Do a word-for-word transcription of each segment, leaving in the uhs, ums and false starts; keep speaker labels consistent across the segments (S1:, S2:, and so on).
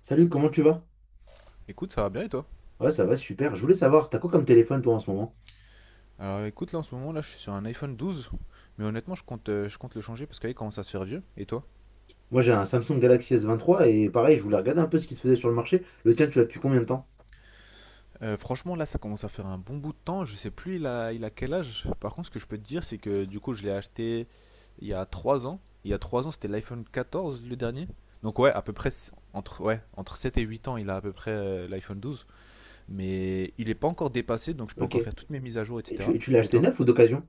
S1: Salut, comment tu vas?
S2: Écoute, ça va bien et toi?
S1: Ouais, ça va, super. Je voulais savoir, t'as quoi comme téléphone toi en ce moment?
S2: Alors écoute, là en ce moment, là je suis sur un iPhone douze, mais honnêtement, je compte, euh, je compte le changer parce qu'il commence à se faire vieux. Et toi?
S1: Moi j'ai un Samsung Galaxy s vingt-trois et pareil, je voulais regarder un peu ce qui se faisait sur le marché. Le tien, tu l'as depuis combien de temps?
S2: Euh, franchement, là ça commence à faire un bon bout de temps, je sais plus il a, il a quel âge. Par contre, ce que je peux te dire, c'est que du coup, je l'ai acheté il y a trois ans. Il y a trois ans, c'était l'iPhone quatorze le dernier. Donc ouais, à peu près s- entre, ouais, entre sept et huit ans, il a à peu près euh, l'iPhone douze, mais il n'est pas encore dépassé, donc je peux
S1: Ok.
S2: encore faire
S1: Et
S2: toutes mes mises à jour,
S1: tu,
S2: et cetera.
S1: et tu l'as
S2: Et
S1: acheté
S2: toi?
S1: neuf ou d'occasion?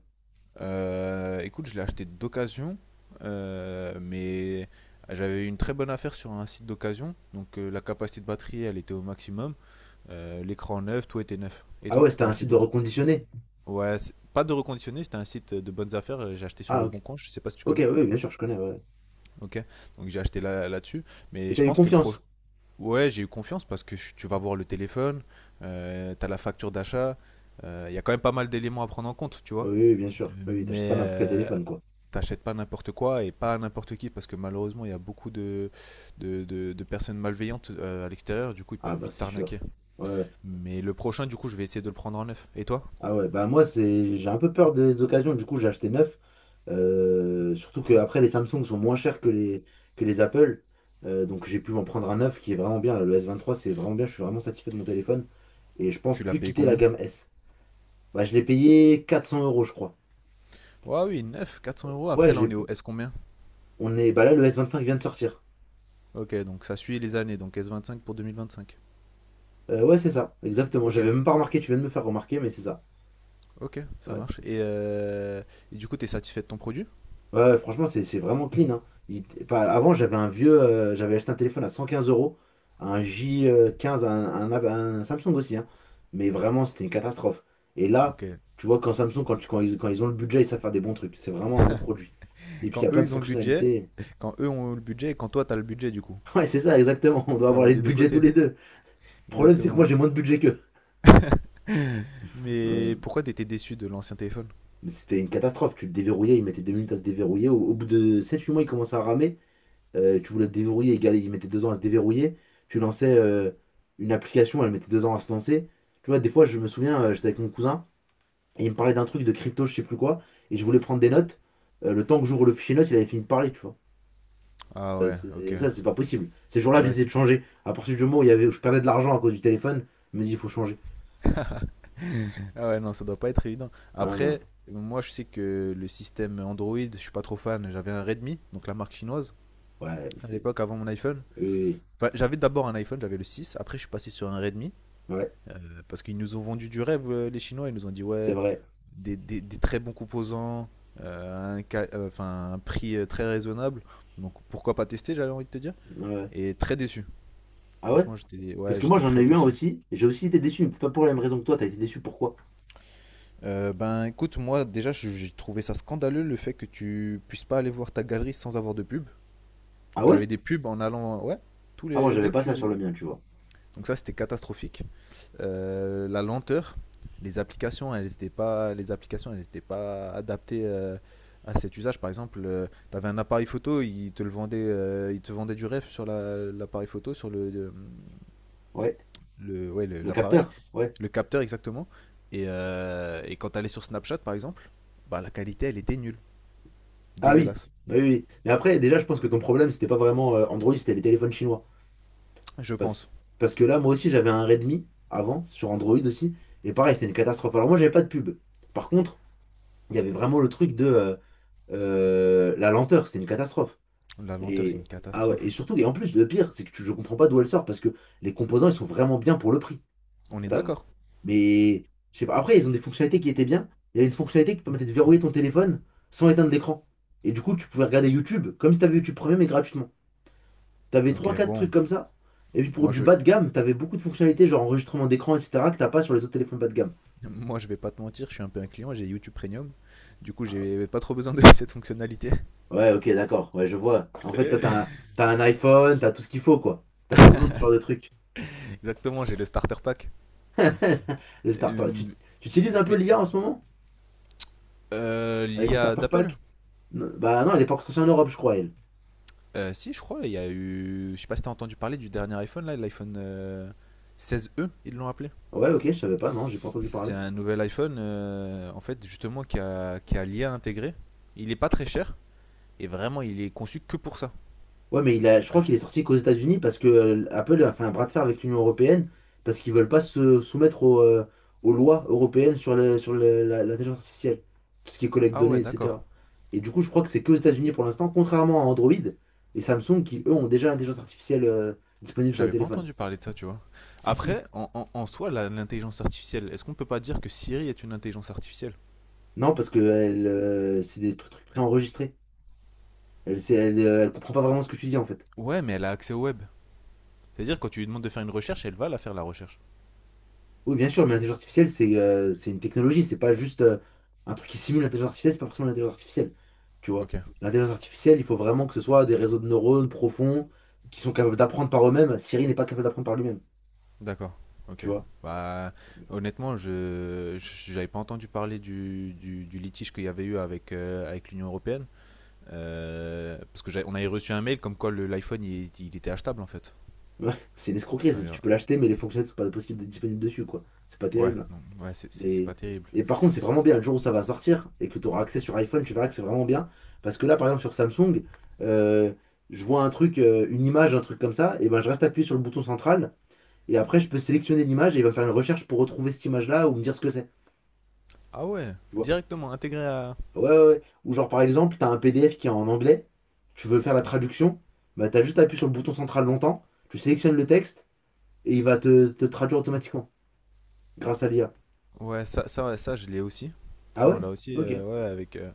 S2: Euh, écoute, je l'ai acheté d'occasion, euh, mais j'avais eu une très bonne affaire sur un site d'occasion. Donc euh, la capacité de batterie, elle était au maximum. Euh, L'écran neuf, tout était neuf. Et
S1: Ah ouais,
S2: toi,
S1: c'était
S2: t'as
S1: un
S2: acheté
S1: site de
S2: d'occasion?
S1: reconditionné.
S2: Ouais, c'est- pas de reconditionné, c'était un site de bonnes affaires. euh, J'ai acheté sur
S1: Ah
S2: le bon
S1: ok.
S2: coin, je sais pas si tu
S1: Ok,
S2: connais.
S1: oui, bien sûr, je connais, ouais.
S2: Ok, donc j'ai acheté là- là-dessus.
S1: Et
S2: Mais je
S1: t'as eu
S2: pense que le proche.
S1: confiance?
S2: Ouais, j'ai eu confiance parce que je- tu vas voir le téléphone, euh, t'as la facture d'achat. euh, Il y a quand même pas mal d'éléments à prendre en compte, tu
S1: Oui,
S2: vois.
S1: oui, bien sûr. Oui, oui, t'achètes
S2: Mais
S1: pas n'importe quel
S2: euh,
S1: téléphone, quoi.
S2: t'achètes pas n'importe quoi et pas à n'importe qui parce que malheureusement il y a beaucoup de, de, de- de personnes malveillantes euh, à l'extérieur, du coup ils
S1: Ah
S2: peuvent
S1: bah
S2: vite
S1: c'est
S2: t'arnaquer.
S1: sûr. Ouais. Ouais.
S2: Mais le prochain, du coup, je vais essayer de le prendre en neuf. Et toi?
S1: Ah ouais, bah moi c'est j'ai un peu peur des occasions, du coup j'ai acheté neuf. Euh, surtout que après les Samsung sont moins chers que les, que les Apple. Euh, donc j'ai pu m'en prendre un neuf qui est vraiment bien, là. Le s vingt trois c'est vraiment bien, je suis vraiment satisfait de mon téléphone. Et je pense
S2: Tu l'as
S1: plus
S2: payé
S1: quitter la
S2: combien?
S1: gamme S. Bah je l'ai payé quatre cents euros je crois.
S2: Ouais, oui, neuf, quatre cents euros.
S1: Ouais,
S2: Après là on
S1: j'ai.
S2: est au S combien?
S1: On est. Bah là le s vingt cinq vient de sortir.
S2: Ok, donc ça suit les années, donc s cinq pour deux mille vingt cinq.
S1: Euh, ouais c'est ça, exactement.
S2: Ok,
S1: J'avais même pas remarqué, tu viens de me faire remarquer, mais c'est ça.
S2: ok, ça
S1: Ouais.
S2: marche. Et, euh, et du coup, t'es satisfait de ton produit?
S1: Ouais, franchement, c'est c'est vraiment clean, hein. Il- pas- avant, j'avais un vieux, euh, j'avais acheté un téléphone à cent quinze euros, un J quinze, un, un, un Samsung aussi, hein. Mais vraiment, c'était une catastrophe. Et là,
S2: Ok.
S1: tu vois, quand Samsung, quand, tu- quand ils, quand ils ont le budget, ils savent faire des bons trucs. C'est vraiment un bon produit. Et puis, il y
S2: Quand
S1: a plein
S2: eux
S1: de
S2: ils ont le budget,
S1: fonctionnalités.
S2: quand eux ont le budget et quand toi t'as le budget du coup.
S1: Ouais, c'est ça, exactement. On doit
S2: Ça
S1: avoir
S2: va
S1: les
S2: des deux
S1: budgets tous
S2: côtés,
S1: les deux. Le problème, c'est que moi,
S2: exactement.
S1: j'ai moins de budget qu'eux.
S2: Mais
S1: Hum.
S2: pourquoi t'étais déçu de l'ancien téléphone?
S1: Mais c'était une catastrophe. Tu le déverrouillais, il mettait deux minutes à se déverrouiller. Au, au bout de sept huit mois, il commençait à ramer. euh, tu voulais le déverrouiller, égal, il mettait deux ans à se déverrouiller. Tu lançais euh, une application, elle mettait deux ans à se lancer. Tu vois, des fois, je me souviens, euh, j'étais avec mon cousin, et il me parlait d'un truc de crypto, je sais plus quoi, et je voulais prendre des notes. Euh, le temps que j'ouvre le fichier notes, il avait fini de parler, tu vois.
S2: Ah
S1: Ça,
S2: ouais,
S1: c'est-
S2: ok.
S1: et ça, c'est pas possible. Ces jours-là,
S2: Ouais,
S1: j'essayais
S2: c'est
S1: de
S2: pas.
S1: changer. À partir du moment où, il y avait, où je perdais de l'argent à cause du téléphone, je me dis, il faut changer.
S2: Ah ouais, non, ça doit pas être évident.
S1: Non, non.
S2: Après, moi, je sais que le système Android, je suis pas trop fan. J'avais un Redmi, donc la marque chinoise,
S1: Ouais,
S2: à
S1: c'est.
S2: l'époque, avant mon iPhone.
S1: Oui, oui.
S2: Enfin, j'avais d'abord un iPhone, j'avais le six. Après, je suis passé sur un Redmi,
S1: Oui. Ouais,
S2: euh, parce qu'ils nous ont vendu du rêve, euh, les Chinois. Ils nous ont dit,
S1: c'est
S2: ouais,
S1: vrai.
S2: des, des- des très bons composants, euh, un, ca- euh, enfin, un prix euh, très raisonnable. Donc, pourquoi pas tester, j'avais envie de te dire.
S1: Ouais. Ouais.
S2: Et très déçu.
S1: Ah ouais?
S2: Franchement, j'étais
S1: Parce
S2: ouais,
S1: que moi,
S2: j'étais
S1: j'en ai
S2: très
S1: eu un
S2: déçu.
S1: aussi, et j'ai aussi été déçu, mais peut-être pas pour la même raison que toi, t'as été déçu, pourquoi?
S2: Euh, ben écoute, moi déjà je- j'ai trouvé ça scandaleux le fait que tu puisses pas aller voir ta galerie sans avoir de pub.
S1: Ah
S2: Donc
S1: ouais?
S2: j'avais des pubs en allant, ouais, tous
S1: Ah, moi,
S2: les
S1: j'avais
S2: dès que
S1: pas
S2: tu
S1: ça sur
S2: voulais.
S1: le mien, tu vois.
S2: Donc ça c'était catastrophique. Euh, la lenteur, les applications, elles n'étaient pas, les applications, elles étaient pas adaptées euh, à cet usage. Par exemple, tu avais un appareil photo, il te le vendait, euh, il te vendait du rêve sur la- l'appareil photo, sur le, euh,
S1: Ouais.
S2: le, ouais, le-
S1: Le
S2: l'appareil,
S1: capteur? Ouais.
S2: le, capteur exactement. Et, euh, et quand elle est sur Snapchat par exemple, bah, la qualité elle était nulle,
S1: Ah oui,
S2: dégueulasse,
S1: oui, oui. Mais après, déjà, je pense que ton problème, c'était pas vraiment euh, Android, c'était les téléphones chinois.
S2: je
S1: Parce,
S2: pense.
S1: parce que là, moi aussi, j'avais un Redmi avant, sur Android aussi. Et pareil, c'était une catastrophe. Alors moi, j'avais pas de pub. Par contre, il y avait vraiment le truc de euh, euh, la lenteur, c'était une catastrophe.
S2: La lenteur c'est une
S1: Et, ah ouais, et
S2: catastrophe.
S1: surtout, et en plus, le pire, c'est que tu, je comprends pas d'où elle sort, parce que les composants, ils sont vraiment bien pour le prix.
S2: On est
S1: T'as-
S2: d'accord?
S1: Mais je sais pas. Après, ils ont des fonctionnalités qui étaient bien. Il y a une fonctionnalité qui permettait de verrouiller ton téléphone sans éteindre l'écran. Et du coup, tu pouvais regarder YouTube comme si t'avais YouTube Premium mais gratuitement. T'avais trois
S2: Ok,
S1: quatre trucs
S2: bon,
S1: comme ça. Et puis pour
S2: moi
S1: du
S2: je,
S1: bas de gamme, t'avais beaucoup de fonctionnalités, genre enregistrement d'écran, et cetera, que t'as pas sur les autres téléphones bas de gamme.
S2: moi je vais pas te mentir, je suis un peu un client, j'ai YouTube Premium, du coup
S1: Ah,
S2: j'ai pas trop besoin de cette fonctionnalité.
S1: ouais, ok, d'accord. Ouais, je vois. En fait, toi, t'as un, t'as un iPhone, t'as tout ce qu'il faut, quoi. T'as pas besoin de ce genre de trucs.
S2: Exactement, j'ai le starter pack.
S1: Le starter. Tu,
S2: Euh,
S1: tu utilises un peu
S2: mais
S1: l'I A en ce moment?
S2: euh,
S1: Avec le
S2: l'I A
S1: starter
S2: d'Apple?
S1: pack? Non, bah non, elle est pas encore sortie en Europe, je crois, elle.
S2: Euh, Si, je crois, il y a eu, je sais pas si t'as entendu parler du dernier iPhone là, l'iPhone euh, seizième, ils l'ont appelé.
S1: Ouais, ok, je savais pas, non, j'ai pas entendu parler.
S2: C'est un nouvel iPhone, euh, en fait, justement, qui a, qui a l'I A intégré. Il est pas très cher, et vraiment, il est conçu que pour ça.
S1: Ouais, mais il a, je crois
S2: Aïe.
S1: qu'il est sorti qu'aux États-Unis parce que euh, Apple a fait un bras de fer avec l'Union européenne parce qu'ils veulent pas se soumettre aux, euh, aux lois européennes sur le, sur le- la- l'intelligence artificielle, tout ce qui est collecte de
S2: Ah
S1: données,
S2: ouais, d'accord.
S1: et cetera. Et du coup, je crois que c'est qu'aux États-Unis pour l'instant, contrairement à Android et Samsung qui, eux, ont déjà l'intelligence artificielle euh, disponible sur le
S2: J'avais pas
S1: téléphone.
S2: entendu parler de ça, tu vois.
S1: Si, si.
S2: Après, en, en- en soi, la- l'intelligence artificielle, est-ce qu'on peut pas dire que Siri est une intelligence artificielle?
S1: Non, parce que elle, euh, c'est des trucs préenregistrés. Elle, c'est- elle, euh, elle comprend pas vraiment ce que tu dis en fait.
S2: Ouais, mais elle a accès au web. C'est-à-dire, quand tu lui demandes de faire une recherche, elle va la faire, la recherche.
S1: Oui, bien sûr, mais l'intelligence artificielle, c'est euh, c'est une technologie, c'est pas juste euh, un truc qui simule l'intelligence artificielle, c'est pas forcément l'intelligence artificielle. Tu vois,
S2: Ok,
S1: l'intelligence artificielle, il faut vraiment que ce soit des réseaux de neurones profonds qui sont capables d'apprendre par eux-mêmes. Siri n'est pas capable d'apprendre par lui-même,
S2: d'accord, ok.
S1: tu vois.
S2: Bah, honnêtement, je je- j'avais pas entendu parler du, du- du litige qu'il y avait eu avec, euh, avec l'Union Européenne. Euh, parce que on avait reçu un mail comme quoi le- l'iPhone il, il était achetable en fait.
S1: Ouais, c'est une escroquerie,
S2: On
S1: c'est-
S2: avait-
S1: tu peux l'acheter, mais les fonctionnalités sont pas possibles d'être disponibles dessus, quoi. C'est pas
S2: Ouais,
S1: terrible, hein.
S2: non, ouais, c'est- c'est c'est
S1: Mais.
S2: pas terrible.
S1: Et par contre, c'est vraiment bien, le jour où ça va sortir et que tu auras accès sur iPhone, tu verras que c'est vraiment bien. Parce que là, par exemple, sur Samsung, euh, je vois un truc, euh, une image, un truc comme ça, et ben je reste appuyé sur le bouton central. Et après, je peux sélectionner l'image et il va faire une recherche pour retrouver cette image-là ou me dire ce que c'est.
S2: Ah ouais,
S1: Tu vois?
S2: directement intégré à.
S1: Ah ouais, ouais, ouais. Ou genre, par exemple, t'as un P D F qui est en anglais, tu veux faire la
S2: Ok.
S1: traduction, bah t'as juste à appuyer sur le bouton central longtemps, tu sélectionnes le texte et il va te, te traduire automatiquement grâce à l'I A.
S2: Ouais, ça, ça, ouais, ça je l'ai aussi.
S1: Ah
S2: Ça on
S1: ouais?
S2: l'a aussi,
S1: Ok.
S2: euh, ouais, avec euh,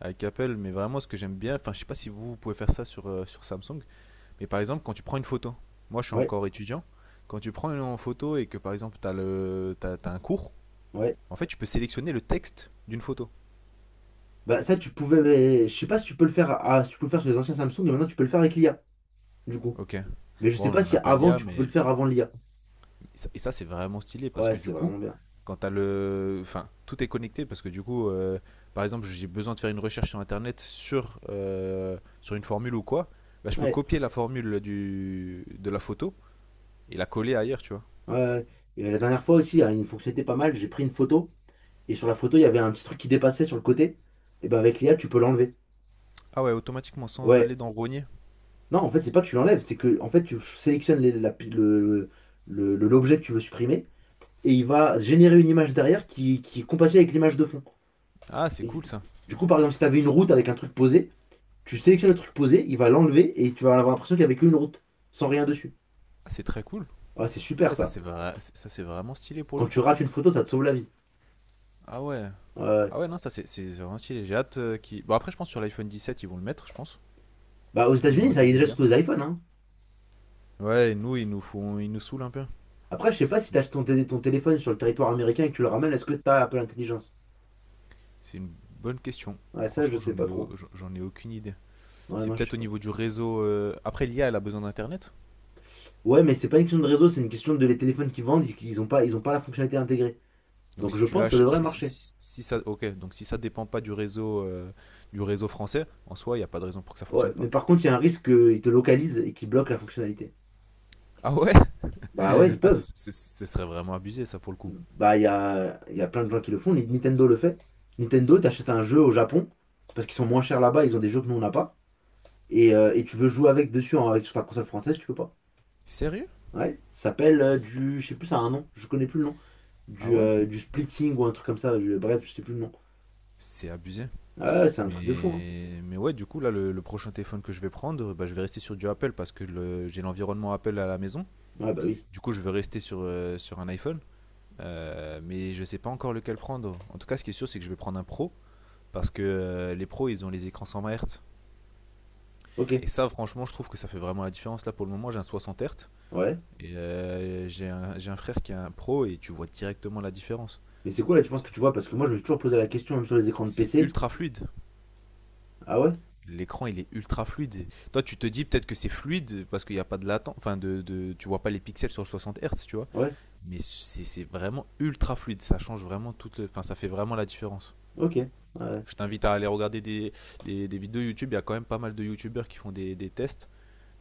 S2: avec Apple. Mais vraiment, ce que j'aime bien, enfin, je sais pas si vous, vous pouvez faire ça sur euh, sur Samsung. Mais par exemple, quand tu prends une photo, moi je suis
S1: Ouais,
S2: encore étudiant. Quand tu prends une photo et que par exemple t'as le t'as t'as un cours,
S1: ouais.
S2: en fait, tu peux sélectionner le texte d'une photo.
S1: Bah ça, tu pouvais, mais je sais pas si tu peux le faire à... à- si tu peux le faire sur les anciens Samsung mais maintenant tu peux le faire avec l'I A, du coup.
S2: Ok.
S1: Mais je sais
S2: Bon,
S1: pas
S2: on
S1: si
S2: n'a pas
S1: avant
S2: l'I A,
S1: tu pouvais
S2: mais.
S1: le faire avant l'I A.
S2: Et ça, et ça, c'est vraiment stylé parce
S1: Ouais,
S2: que
S1: c'est
S2: du coup,
S1: vraiment bien.
S2: quand t'as le. Enfin, tout est connecté parce que du coup, euh, par exemple, j'ai besoin de faire une recherche sur internet sur, euh, sur une formule ou quoi. Bah, je peux
S1: Ouais.
S2: copier la formule du, de la photo et la coller ailleurs, tu vois.
S1: Ouais. Ouais. Et la dernière fois aussi, il y a une fonctionnalité pas mal, j'ai pris une photo. Et sur la photo, il y avait un petit truc qui dépassait sur le côté. Et ben avec l'I A, tu peux l'enlever.
S2: Ah ouais, automatiquement sans
S1: Ouais.
S2: aller dans Rogner.
S1: Non, en fait, c'est pas que tu l'enlèves, c'est que en fait, tu sélectionnes les- la- le, le- le- l'objet que tu veux supprimer et il va générer une image derrière qui, qui, est compatible avec l'image de fond.
S2: Ah, c'est
S1: Et du,
S2: cool ça.
S1: du coup, par exemple, si tu avais une route avec un truc posé, tu sélectionnes le truc posé, il va l'enlever et tu vas avoir l'impression qu'il n'y avait qu'une route, sans rien dessus.
S2: Ah, c'est très cool.
S1: Ouais, c'est
S2: Ah
S1: super
S2: ouais, ça
S1: ça.
S2: c'est vrai, ça c'est vraiment stylé pour
S1: Quand
S2: le
S1: tu
S2: coup.
S1: rates une photo, ça te sauve la vie.
S2: Ah ouais.
S1: Ouais. Ouais.
S2: Ah ouais, non, ça c'est c'est vraiment stylé. J'ai hâte euh, qu'ils- Bon, après, je pense sur l'iPhone dix sept ils vont le mettre, je pense.
S1: Bah, aux
S2: Ils vont
S1: États-Unis, ça y est
S2: intégrer
S1: déjà sur
S2: l'I A.
S1: tous les iPhones, hein.
S2: Ouais, et nous, ils nous font... ils nous saoulent un peu.
S1: Après, je sais pas si tu ton, télé- ton téléphone sur le territoire américain et que tu le ramènes, est-ce que tu as Apple Intelligence?
S2: C'est une bonne question.
S1: Ouais, ça, je
S2: Franchement,
S1: sais
S2: j'en
S1: pas
S2: ai, au-
S1: trop.
S2: j'en ai aucune idée.
S1: Ouais,
S2: C'est
S1: non, je
S2: peut-être
S1: sais
S2: au
S1: pas.
S2: niveau du réseau. euh, Après, l'I A, elle a besoin d'Internet.
S1: Ouais, mais c'est pas une question de réseau, c'est une question de les téléphones qui vendent, ils ont pas, ils ont pas la fonctionnalité intégrée.
S2: Donc,
S1: Donc
S2: si
S1: je
S2: tu
S1: pense que ça
S2: lâches.
S1: devrait
S2: Si, si-
S1: marcher.
S2: si- si ça. Ok, donc si ça dépend pas du réseau, euh, du réseau français, en soi, il n'y a pas de raison pour que ça
S1: Ouais,
S2: fonctionne
S1: mais
S2: pas.
S1: par contre, il y a un risque qu'ils te localisent et qu'ils bloquent la fonctionnalité.
S2: Ah ouais?
S1: Bah ouais, ils
S2: Ah,
S1: peuvent.
S2: c'est- c'est- ce serait vraiment abusé, ça, pour le coup.
S1: Bah il y a, il y a plein de gens qui le font. Nintendo le fait. Nintendo, t'achètes un jeu au Japon, parce qu'ils sont moins chers là-bas, ils ont des jeux que nous on n'a pas. Et, euh, et tu veux jouer avec dessus en- avec, sur ta console française, tu peux pas.
S2: Sérieux?
S1: Ouais, ça s'appelle euh, du. Je sais plus, ça a un nom, je connais plus le nom.
S2: Ah
S1: Du,
S2: ouais?
S1: euh, du splitting ou un truc comme ça, je- bref, je sais plus le nom.
S2: C'est abusé.
S1: Ah, ouais, c'est un truc de fou, hein.
S2: Mais, mais ouais, du coup, là, le, le prochain téléphone que je vais prendre, bah, je vais rester sur du Apple parce que le- j'ai l'environnement Apple à la maison.
S1: Ouais, bah oui.
S2: Du coup, je vais rester sur, euh, sur un iPhone. Euh, mais je sais pas encore lequel prendre. En tout cas, ce qui est sûr, c'est que je vais prendre un pro. Parce que euh, les pros, ils ont les écrans cent vingt Hz.
S1: Ok,
S2: Et ça, franchement, je trouve que ça fait vraiment la différence. Là, pour le moment, j'ai un soixante Hz.
S1: ouais.
S2: Et euh, j'ai un, un frère qui a un pro et tu vois directement la différence.
S1: Mais c'est quoi la différence que tu vois? Parce que moi, je me suis toujours posé la question, même sur les écrans de
S2: C'est
S1: P C.
S2: ultra fluide.
S1: Ah ouais?
S2: L'écran, il est ultra fluide. Toi, tu te dis peut-être que c'est fluide parce qu'il n'y a pas de latence. Enfin, de, de, tu vois pas les pixels sur le soixante Hz, tu vois.
S1: Ouais.
S2: Mais c'est vraiment ultra fluide. Ça change vraiment toute. Enfin, ça fait vraiment la différence.
S1: Ok. Ouais.
S2: Je t'invite à aller regarder des, des, des vidéos YouTube. Il y a quand même pas mal de YouTubeurs qui font des, des tests,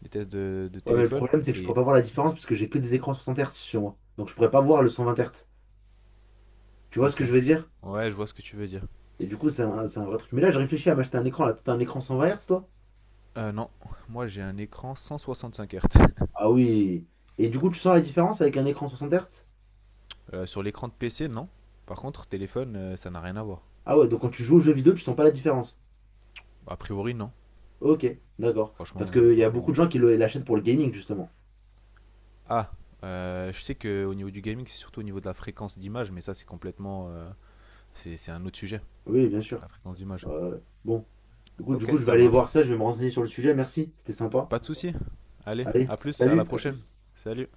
S2: des tests de, de
S1: Ouais, mais le
S2: téléphone.
S1: problème, c'est que je pourrais
S2: Et
S1: pas voir la différence parce que j'ai que des écrans soixante Hz chez moi. Donc, je pourrais pas voir le cent vingt Hz. Tu vois ce
S2: ok.
S1: que je veux dire?
S2: Ouais, je vois ce que tu veux dire.
S1: Et du coup, c'est un, c'est un, vrai truc. Mais là, je réfléchis à m'acheter un écran. Là, t'as un écran cent vingt Hz, toi?
S2: Euh, non, moi j'ai un écran cent soixante-cinq Hz.
S1: Ah oui. Et du coup, tu sens la différence avec un écran soixante Hz?
S2: Euh, sur l'écran de P C, non. Par contre, téléphone, euh, ça n'a rien à voir.
S1: Ah ouais, donc quand tu joues aux jeux vidéo, tu sens pas la différence.
S2: A priori, non.
S1: Ok, d'accord. Parce
S2: Franchement, euh,
S1: qu'il y
S2: pas
S1: a
S2: pour
S1: beaucoup
S2: moi.
S1: de gens qui le- l'achètent pour le gaming, justement.
S2: Ah, euh, je sais que au niveau du gaming, c'est surtout au niveau de la fréquence d'image, mais ça, c'est complètement. euh, c'est c'est un autre sujet,
S1: Oui, bien sûr.
S2: la fréquence d'image.
S1: Euh, bon. Du coup, du
S2: Ok,
S1: coup, je vais
S2: ça
S1: aller
S2: marche.
S1: voir ça, je vais me renseigner sur le sujet. Merci, c'était sympa.
S2: Pas de souci. Allez,
S1: Allez,
S2: à plus, à la
S1: salut, à
S2: prochaine.
S1: plus.
S2: Salut.